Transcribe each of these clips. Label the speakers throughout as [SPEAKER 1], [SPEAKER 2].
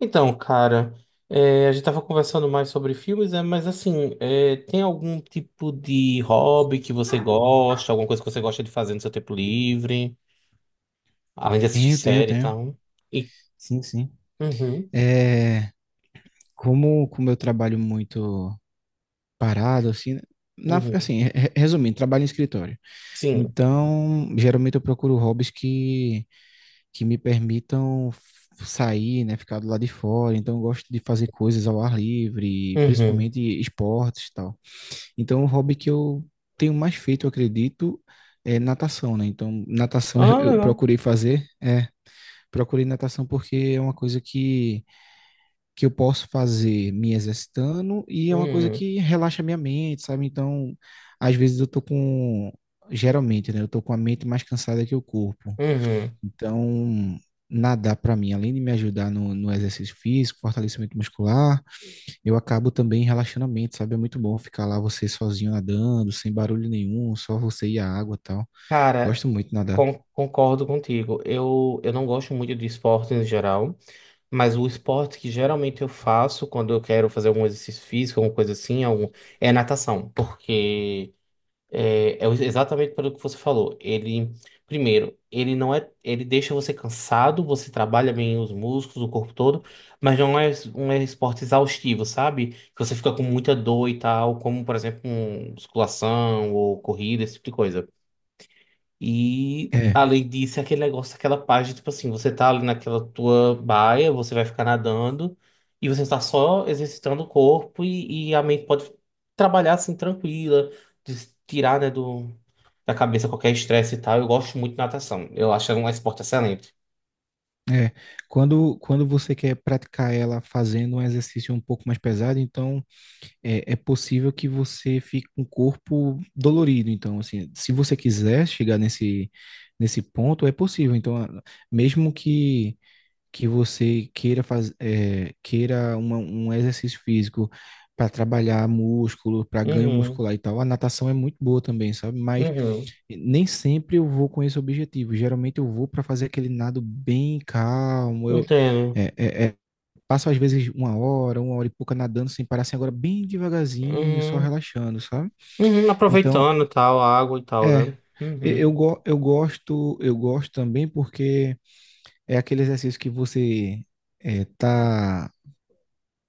[SPEAKER 1] Então, cara, a gente tava conversando mais sobre filmes, né? Mas assim, tem algum tipo de hobby que você gosta, alguma coisa que você gosta de fazer no seu tempo livre, além de assistir
[SPEAKER 2] Tenho, tenho,
[SPEAKER 1] série e
[SPEAKER 2] tenho.
[SPEAKER 1] tal? E,
[SPEAKER 2] Sim, sim.
[SPEAKER 1] uhum,
[SPEAKER 2] É, como eu trabalho muito parado, assim, né? Na,
[SPEAKER 1] uhum,
[SPEAKER 2] assim, resumindo, trabalho em escritório.
[SPEAKER 1] sim,
[SPEAKER 2] Então, geralmente eu procuro hobbies que me permitam sair, né, ficar do lado de fora. Então, eu gosto de fazer coisas ao ar livre,
[SPEAKER 1] uhum.
[SPEAKER 2] principalmente esportes e tal. Então, o hobby que eu tenho mais feito, eu acredito, é natação, né? Então, natação eu
[SPEAKER 1] Ah,
[SPEAKER 2] eu
[SPEAKER 1] legal.
[SPEAKER 2] procurei natação porque é uma coisa que eu posso fazer me exercitando e é uma coisa
[SPEAKER 1] Uhum,
[SPEAKER 2] que relaxa a minha mente, sabe? Então, às vezes eu tô com, geralmente, né? Eu tô com a mente mais cansada que o corpo.
[SPEAKER 1] uhum.
[SPEAKER 2] Então, nadar para mim, além de me ajudar no exercício físico, fortalecimento muscular, eu acabo também relaxando a mente, sabe? É muito bom ficar lá você sozinho nadando, sem barulho nenhum, só você e a água, e tal.
[SPEAKER 1] Cara,
[SPEAKER 2] Gosto muito de nadar.
[SPEAKER 1] concordo contigo. Eu não gosto muito de esporte em geral, mas o esporte que geralmente eu faço quando eu quero fazer algum exercício físico, alguma coisa assim, algum, é natação, porque exatamente pelo que você falou. Ele, primeiro, ele não é, ele deixa você cansado, você trabalha bem os músculos, o corpo todo, mas não é um esporte exaustivo, sabe? Que você fica com muita dor e tal, como, por exemplo, um, musculação ou corrida, esse tipo de coisa. E,
[SPEAKER 2] É,
[SPEAKER 1] além disso, é aquele negócio, aquela página, tipo assim, você tá ali naquela tua baia, você vai ficar nadando, e você tá só exercitando o corpo e a mente pode trabalhar assim, tranquila de se tirar, né, do da cabeça qualquer estresse e tal. Eu gosto muito de natação. Eu acho um esporte excelente.
[SPEAKER 2] quando você quer praticar ela fazendo um exercício um pouco mais pesado, então é possível que você fique com o corpo dolorido. Então, assim, se você quiser chegar nesse ponto, é possível. Então, mesmo que você queira um exercício físico para trabalhar músculo, para ganho
[SPEAKER 1] Uhum,
[SPEAKER 2] muscular e tal, a natação é muito boa também, sabe? Mas
[SPEAKER 1] uhum,
[SPEAKER 2] nem sempre eu vou com esse objetivo. Geralmente eu vou para fazer aquele nado bem calmo. Eu,
[SPEAKER 1] entendo.
[SPEAKER 2] é, é, é Passo às vezes uma hora e pouca nadando sem parar, assim, agora bem devagarzinho, só
[SPEAKER 1] Uhum,
[SPEAKER 2] relaxando, sabe?
[SPEAKER 1] uhum,
[SPEAKER 2] Então,
[SPEAKER 1] aproveitando e tal, a água e tal,
[SPEAKER 2] é,
[SPEAKER 1] né? Uhum.
[SPEAKER 2] eu gosto também porque é aquele exercício que você tá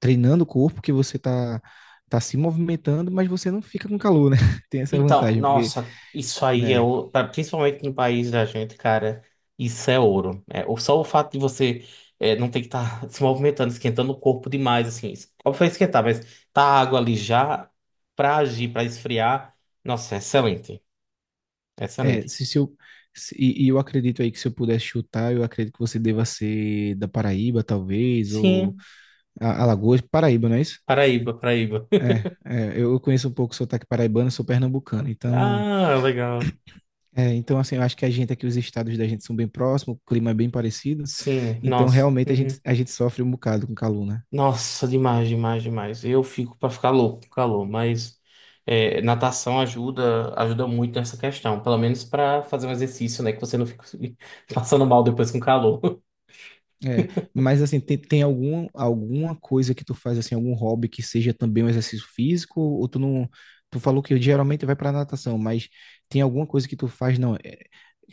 [SPEAKER 2] treinando o corpo, que você tá se movimentando, mas você não fica com calor, né? Tem essa
[SPEAKER 1] Então,
[SPEAKER 2] vantagem, porque,
[SPEAKER 1] nossa, isso aí
[SPEAKER 2] é,
[SPEAKER 1] principalmente no país da gente, cara, isso é ouro. Só o fato de você não ter que estar se movimentando, esquentando o corpo demais, assim. Óbvio que vai esquentar, mas tá a água ali já pra agir, pra esfriar. Nossa, é excelente.
[SPEAKER 2] é,
[SPEAKER 1] Excelente.
[SPEAKER 2] se eu, se- e eu acredito aí que se eu pudesse chutar, eu acredito que você deva ser da Paraíba, talvez, ou
[SPEAKER 1] Sim,
[SPEAKER 2] Alagoas, Paraíba, não é isso?
[SPEAKER 1] Paraíba, Paraíba.
[SPEAKER 2] É, eu conheço um pouco o sotaque paraibano, sou pernambucano, então,
[SPEAKER 1] Ah, legal.
[SPEAKER 2] então assim, eu acho que a gente aqui, os estados da gente são bem próximos, o clima é bem parecido,
[SPEAKER 1] Sim,
[SPEAKER 2] então
[SPEAKER 1] nossa.
[SPEAKER 2] realmente a gente,
[SPEAKER 1] Uhum.
[SPEAKER 2] a gente sofre um bocado com calor, né?
[SPEAKER 1] Nossa, demais, demais, demais. Eu fico pra ficar louco com calor, mas é, natação ajuda, ajuda muito nessa questão. Pelo menos pra fazer um exercício, né? Que você não fica passando mal depois com calor.
[SPEAKER 2] É, mas assim, tem alguma coisa que tu faz, assim, algum hobby que seja também um exercício físico, ou tu não, tu falou que geralmente vai pra natação, mas tem alguma coisa que tu faz, não, é,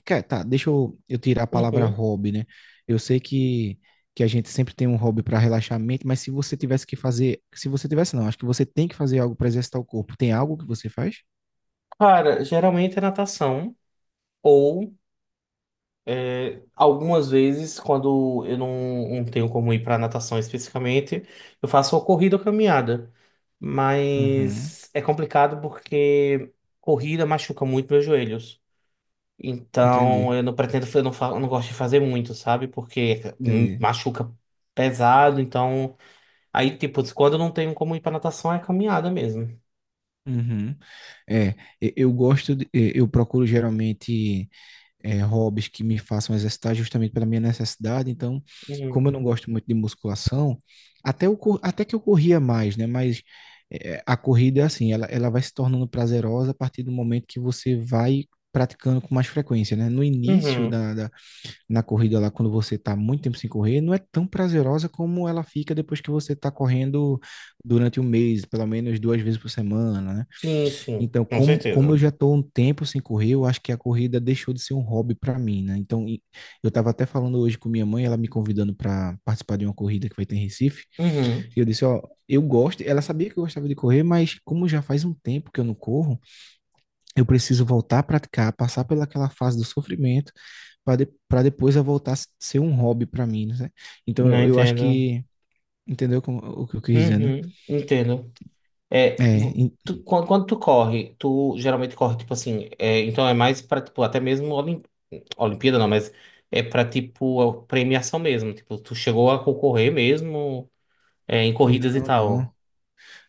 [SPEAKER 2] cara, tá, deixa eu tirar a palavra
[SPEAKER 1] Uhum.
[SPEAKER 2] hobby, né, eu sei que a gente sempre tem um hobby para relaxar a mente, mas se você tivesse que fazer, se você tivesse não, acho que você tem que fazer algo para exercitar o corpo, tem algo que você faz?
[SPEAKER 1] Cara, geralmente é natação. Ou é, algumas vezes, quando eu não tenho como ir para natação especificamente, eu faço ou corrida ou caminhada.
[SPEAKER 2] Uhum.
[SPEAKER 1] Mas é complicado porque corrida machuca muito meus joelhos. Então
[SPEAKER 2] Entendi,
[SPEAKER 1] eu não pretendo, eu não gosto de fazer muito, sabe? Porque
[SPEAKER 2] entendi.
[SPEAKER 1] machuca pesado. Então, aí, tipo, quando eu não tenho como ir para natação, é caminhada mesmo.
[SPEAKER 2] Uhum. É, e- eu gosto, de- e- eu procuro geralmente hobbies que me façam exercitar justamente pela minha necessidade. Então,
[SPEAKER 1] Uhum.
[SPEAKER 2] como eu não gosto muito de musculação, até que eu corria mais, né? Mas a corrida é assim, ela vai se tornando prazerosa a partir do momento que você vai praticando com mais frequência, né? No início
[SPEAKER 1] Uhum.
[SPEAKER 2] na corrida lá, quando você está muito tempo sem correr, não é tão prazerosa como ela fica depois que você está correndo durante um mês, pelo menos duas vezes por semana, né?
[SPEAKER 1] Sim, sim,
[SPEAKER 2] Então,
[SPEAKER 1] com
[SPEAKER 2] como eu
[SPEAKER 1] certeza.
[SPEAKER 2] já estou um tempo sem correr, eu acho que a corrida deixou de ser um hobby para mim, né? Então, eu estava até falando hoje com minha mãe, ela me convidando para participar de uma corrida que vai ter em Recife,
[SPEAKER 1] Uhum.
[SPEAKER 2] e eu disse, ó, eu gosto, ela sabia que eu gostava de correr, mas como já faz um tempo que eu não corro, eu preciso voltar a praticar, passar pelaquela fase do sofrimento para depois eu voltar a ser um hobby para mim, né? Então
[SPEAKER 1] Não
[SPEAKER 2] eu acho
[SPEAKER 1] entendo.
[SPEAKER 2] que entendeu o que eu quis dizer, né?
[SPEAKER 1] Uhum. Entendo. É,
[SPEAKER 2] É,
[SPEAKER 1] quando, tu corre, tu geralmente corre, tipo assim, é, então é mais pra, tipo, até mesmo Olimpíada, não, mas é pra, tipo, a premiação mesmo, tipo, tu chegou a concorrer mesmo, é, em corridas e
[SPEAKER 2] não,
[SPEAKER 1] tal.
[SPEAKER 2] não,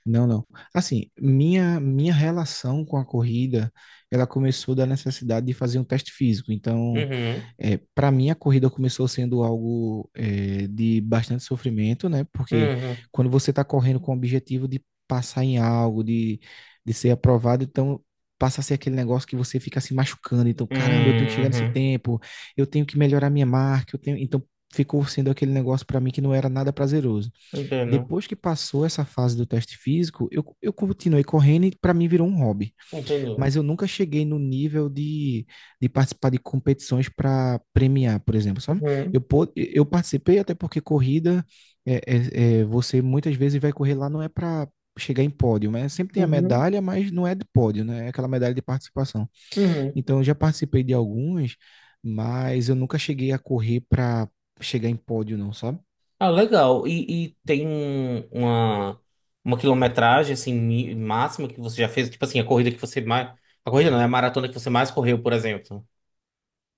[SPEAKER 2] não, não. Assim, minha relação com a corrida, ela começou da necessidade de fazer um teste físico. Então.
[SPEAKER 1] Uhum,
[SPEAKER 2] Para mim, a corrida começou sendo algo de bastante sofrimento, né? Porque
[SPEAKER 1] uhum,
[SPEAKER 2] quando você está correndo com o objetivo de passar em algo, de ser aprovado, então passa a ser aquele negócio que você fica se machucando. Então, caramba, eu tenho que
[SPEAKER 1] uhum,
[SPEAKER 2] chegar nesse
[SPEAKER 1] uhum.
[SPEAKER 2] tempo, eu tenho que melhorar minha marca, eu tenho... Então, ficou sendo aquele negócio para mim que não era nada prazeroso.
[SPEAKER 1] Entendo,
[SPEAKER 2] Depois que passou essa fase do teste físico, eu continuei correndo e para mim virou um hobby,
[SPEAKER 1] entendi.
[SPEAKER 2] mas eu nunca cheguei no nível de, participar de competições para premiar, por exemplo, sabe? Eu,
[SPEAKER 1] Uhum,
[SPEAKER 2] po- eu participei até porque corrida, você muitas vezes vai correr lá, não é para chegar em pódio, né? Sempre tem a
[SPEAKER 1] uhum,
[SPEAKER 2] medalha, mas não é de pódio, né? É aquela medalha de participação.
[SPEAKER 1] uhum.
[SPEAKER 2] Então, eu já participei de algumas, mas eu nunca cheguei a correr para chegar em pódio, não, sabe?
[SPEAKER 1] Ah, legal, e tem um, uma quilometragem, assim, máxima que você já fez, tipo assim, a corrida não, é a maratona que você mais correu, por exemplo.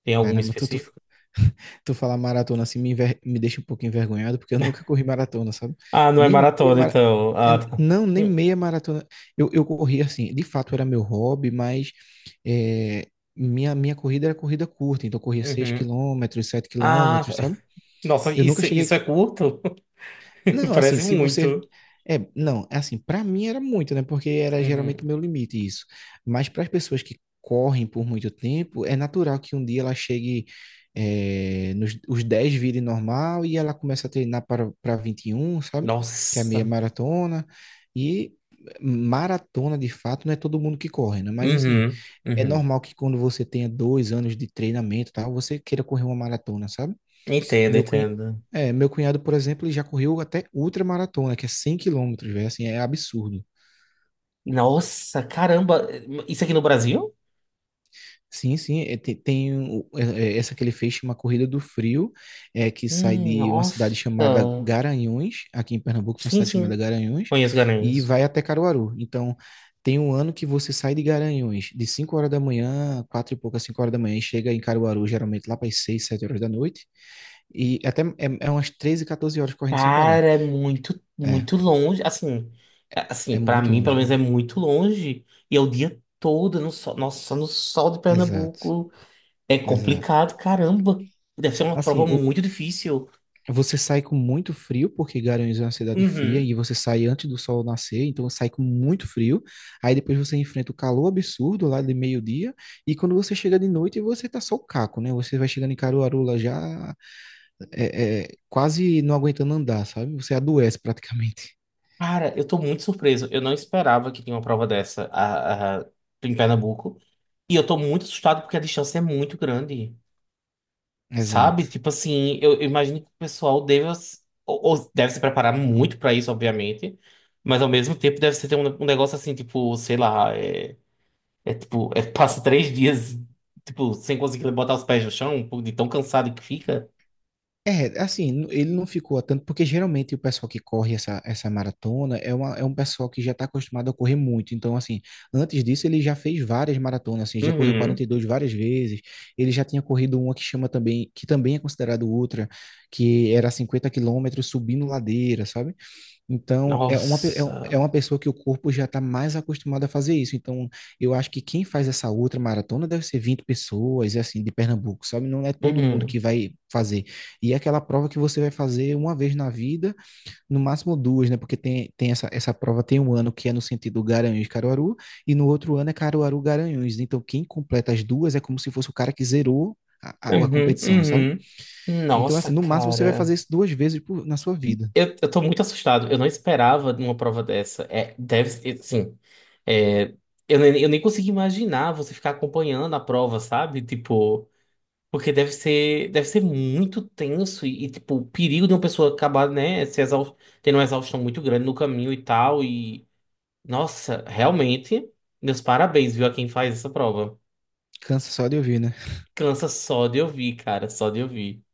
[SPEAKER 1] Tem alguma
[SPEAKER 2] Caramba,
[SPEAKER 1] específica?
[SPEAKER 2] tu falar maratona assim me deixa um pouco envergonhado, porque eu nunca corri maratona, sabe?
[SPEAKER 1] Ah, não é
[SPEAKER 2] Nem meia
[SPEAKER 1] maratona,
[SPEAKER 2] mara...
[SPEAKER 1] então. Ah, tá.
[SPEAKER 2] não, nem
[SPEAKER 1] Hum,
[SPEAKER 2] meia maratona. Eu corri assim, de fato era meu hobby, mas é, minha corrida era corrida curta, então eu corria 6
[SPEAKER 1] uhum.
[SPEAKER 2] quilômetros, sete
[SPEAKER 1] Ah,
[SPEAKER 2] quilômetros, sabe?
[SPEAKER 1] nossa,
[SPEAKER 2] Eu nunca
[SPEAKER 1] isso
[SPEAKER 2] cheguei
[SPEAKER 1] é curto?
[SPEAKER 2] não, assim,
[SPEAKER 1] Parece
[SPEAKER 2] se você.
[SPEAKER 1] muito.
[SPEAKER 2] É, não, é assim, pra mim era muito, né? Porque era geralmente o
[SPEAKER 1] Uhum.
[SPEAKER 2] meu limite isso. Mas para as pessoas que correm por muito tempo, é natural que um dia ela chegue nos os 10 virem normal e ela começa a treinar para, para 21, sabe? Que é a
[SPEAKER 1] Nossa.
[SPEAKER 2] meia maratona. E maratona, de fato, não é todo mundo que corre, né? Mas assim,
[SPEAKER 1] Uhum.
[SPEAKER 2] é
[SPEAKER 1] Uhum.
[SPEAKER 2] normal que quando você tenha 2 anos de treinamento, e tal, você queira correr uma maratona, sabe?
[SPEAKER 1] Entendo,
[SPEAKER 2] Meu cunhado,
[SPEAKER 1] entendo.
[SPEAKER 2] meu cunhado, por exemplo, ele já correu até ultramaratona, que é 100 quilômetros, velho, assim, é absurdo.
[SPEAKER 1] Nossa, caramba. Isso aqui no Brasil?
[SPEAKER 2] Sim, sim, tem, essa que ele fez, chama Corrida do Frio, que sai de uma cidade chamada
[SPEAKER 1] Nossa.
[SPEAKER 2] Garanhuns, aqui em Pernambuco tem uma
[SPEAKER 1] Sim,
[SPEAKER 2] cidade chamada
[SPEAKER 1] sim.
[SPEAKER 2] Garanhuns,
[SPEAKER 1] Conheço
[SPEAKER 2] e
[SPEAKER 1] Garanhuns.
[SPEAKER 2] vai até Caruaru. Então, tem um ano que você sai de Garanhuns de 5 horas da manhã, 4 e pouca, 5 horas da manhã, e chega em Caruaru, geralmente lá para as 6, 7 horas da noite, e até é umas 13, 14 horas correndo sem parar.
[SPEAKER 1] Cara, é muito,
[SPEAKER 2] É,
[SPEAKER 1] muito longe. Assim,
[SPEAKER 2] é,
[SPEAKER 1] assim, para
[SPEAKER 2] muito
[SPEAKER 1] mim,
[SPEAKER 2] longe,
[SPEAKER 1] pelo menos,
[SPEAKER 2] velho.
[SPEAKER 1] é muito longe. E é o dia todo no sol. Nossa, no sol de
[SPEAKER 2] Exato,
[SPEAKER 1] Pernambuco. É
[SPEAKER 2] exato.
[SPEAKER 1] complicado, caramba. Deve ser uma prova
[SPEAKER 2] Assim,
[SPEAKER 1] muito difícil.
[SPEAKER 2] você sai com muito frio, porque Garanhuns é uma cidade fria,
[SPEAKER 1] Uhum.
[SPEAKER 2] e você sai antes do sol nascer, então sai com muito frio. Aí depois você enfrenta o calor absurdo lá de meio-dia, e quando você chega de noite, você tá só o caco, né? Você vai chegando em Caruaru lá já quase não aguentando andar, sabe? Você adoece praticamente.
[SPEAKER 1] Cara, eu tô muito surpreso. Eu não esperava que tinha uma prova dessa em Pernambuco. E eu tô muito assustado porque a distância é muito grande. Sabe?
[SPEAKER 2] Exato.
[SPEAKER 1] Tipo assim, eu imagino que o pessoal deve, ou deve se preparar muito pra isso, obviamente. Mas ao mesmo tempo deve ser ter um, um negócio assim, tipo, sei lá, é, passa três dias, tipo, sem conseguir botar os pés no chão, de tão cansado que fica.
[SPEAKER 2] É, assim, ele não ficou a tanto, porque geralmente o pessoal que corre essa maratona é um pessoal que já está acostumado a correr muito. Então, assim, antes disso ele já fez várias maratonas, assim, já correu
[SPEAKER 1] Uhum.
[SPEAKER 2] 42 várias vezes. Ele já tinha corrido uma que chama também, que também é considerado ultra, que era 50 quilômetros subindo ladeira, sabe? Então, é uma, pe- é um- é
[SPEAKER 1] Nossa.
[SPEAKER 2] uma pessoa que o corpo já está mais acostumado a fazer isso. Então, eu acho que quem faz essa outra maratona deve ser 20 pessoas, assim, de Pernambuco, sabe? Não é todo mundo que
[SPEAKER 1] Uhum.
[SPEAKER 2] vai fazer. E é aquela prova que você vai fazer uma vez na vida, no máximo duas, né? Porque tem essa prova, tem um ano que é no sentido Garanhuns-Caruaru, e no outro ano é Caruaru-Garanhuns. Então, quem completa as duas é como se fosse o cara que zerou a
[SPEAKER 1] Uhum.
[SPEAKER 2] competição, sabe?
[SPEAKER 1] Uhum.
[SPEAKER 2] Então,
[SPEAKER 1] Nossa,
[SPEAKER 2] assim, no máximo você vai
[SPEAKER 1] cara.
[SPEAKER 2] fazer isso duas vezes na sua vida.
[SPEAKER 1] Eu tô muito assustado. Eu não esperava de uma prova dessa. É, deve ser, assim. é, eu nem consigo imaginar você ficar acompanhando a prova, sabe? Tipo, porque deve ser muito tenso tipo, o perigo de uma pessoa acabar, né, se exau- tendo uma exaustão muito grande no caminho e tal. E, nossa, realmente, meus parabéns, viu, a quem faz essa prova.
[SPEAKER 2] Cansa só de ouvir, né?
[SPEAKER 1] Cansa só de ouvir, cara, só de ouvir.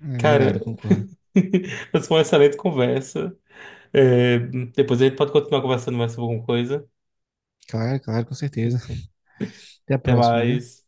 [SPEAKER 2] É
[SPEAKER 1] Cara,
[SPEAKER 2] verdade, concordo.
[SPEAKER 1] mas foi uma excelente conversa. É, depois a gente pode continuar conversando mais sobre alguma coisa.
[SPEAKER 2] Claro, claro, com certeza. Até a
[SPEAKER 1] Até
[SPEAKER 2] próxima, viu?
[SPEAKER 1] mais.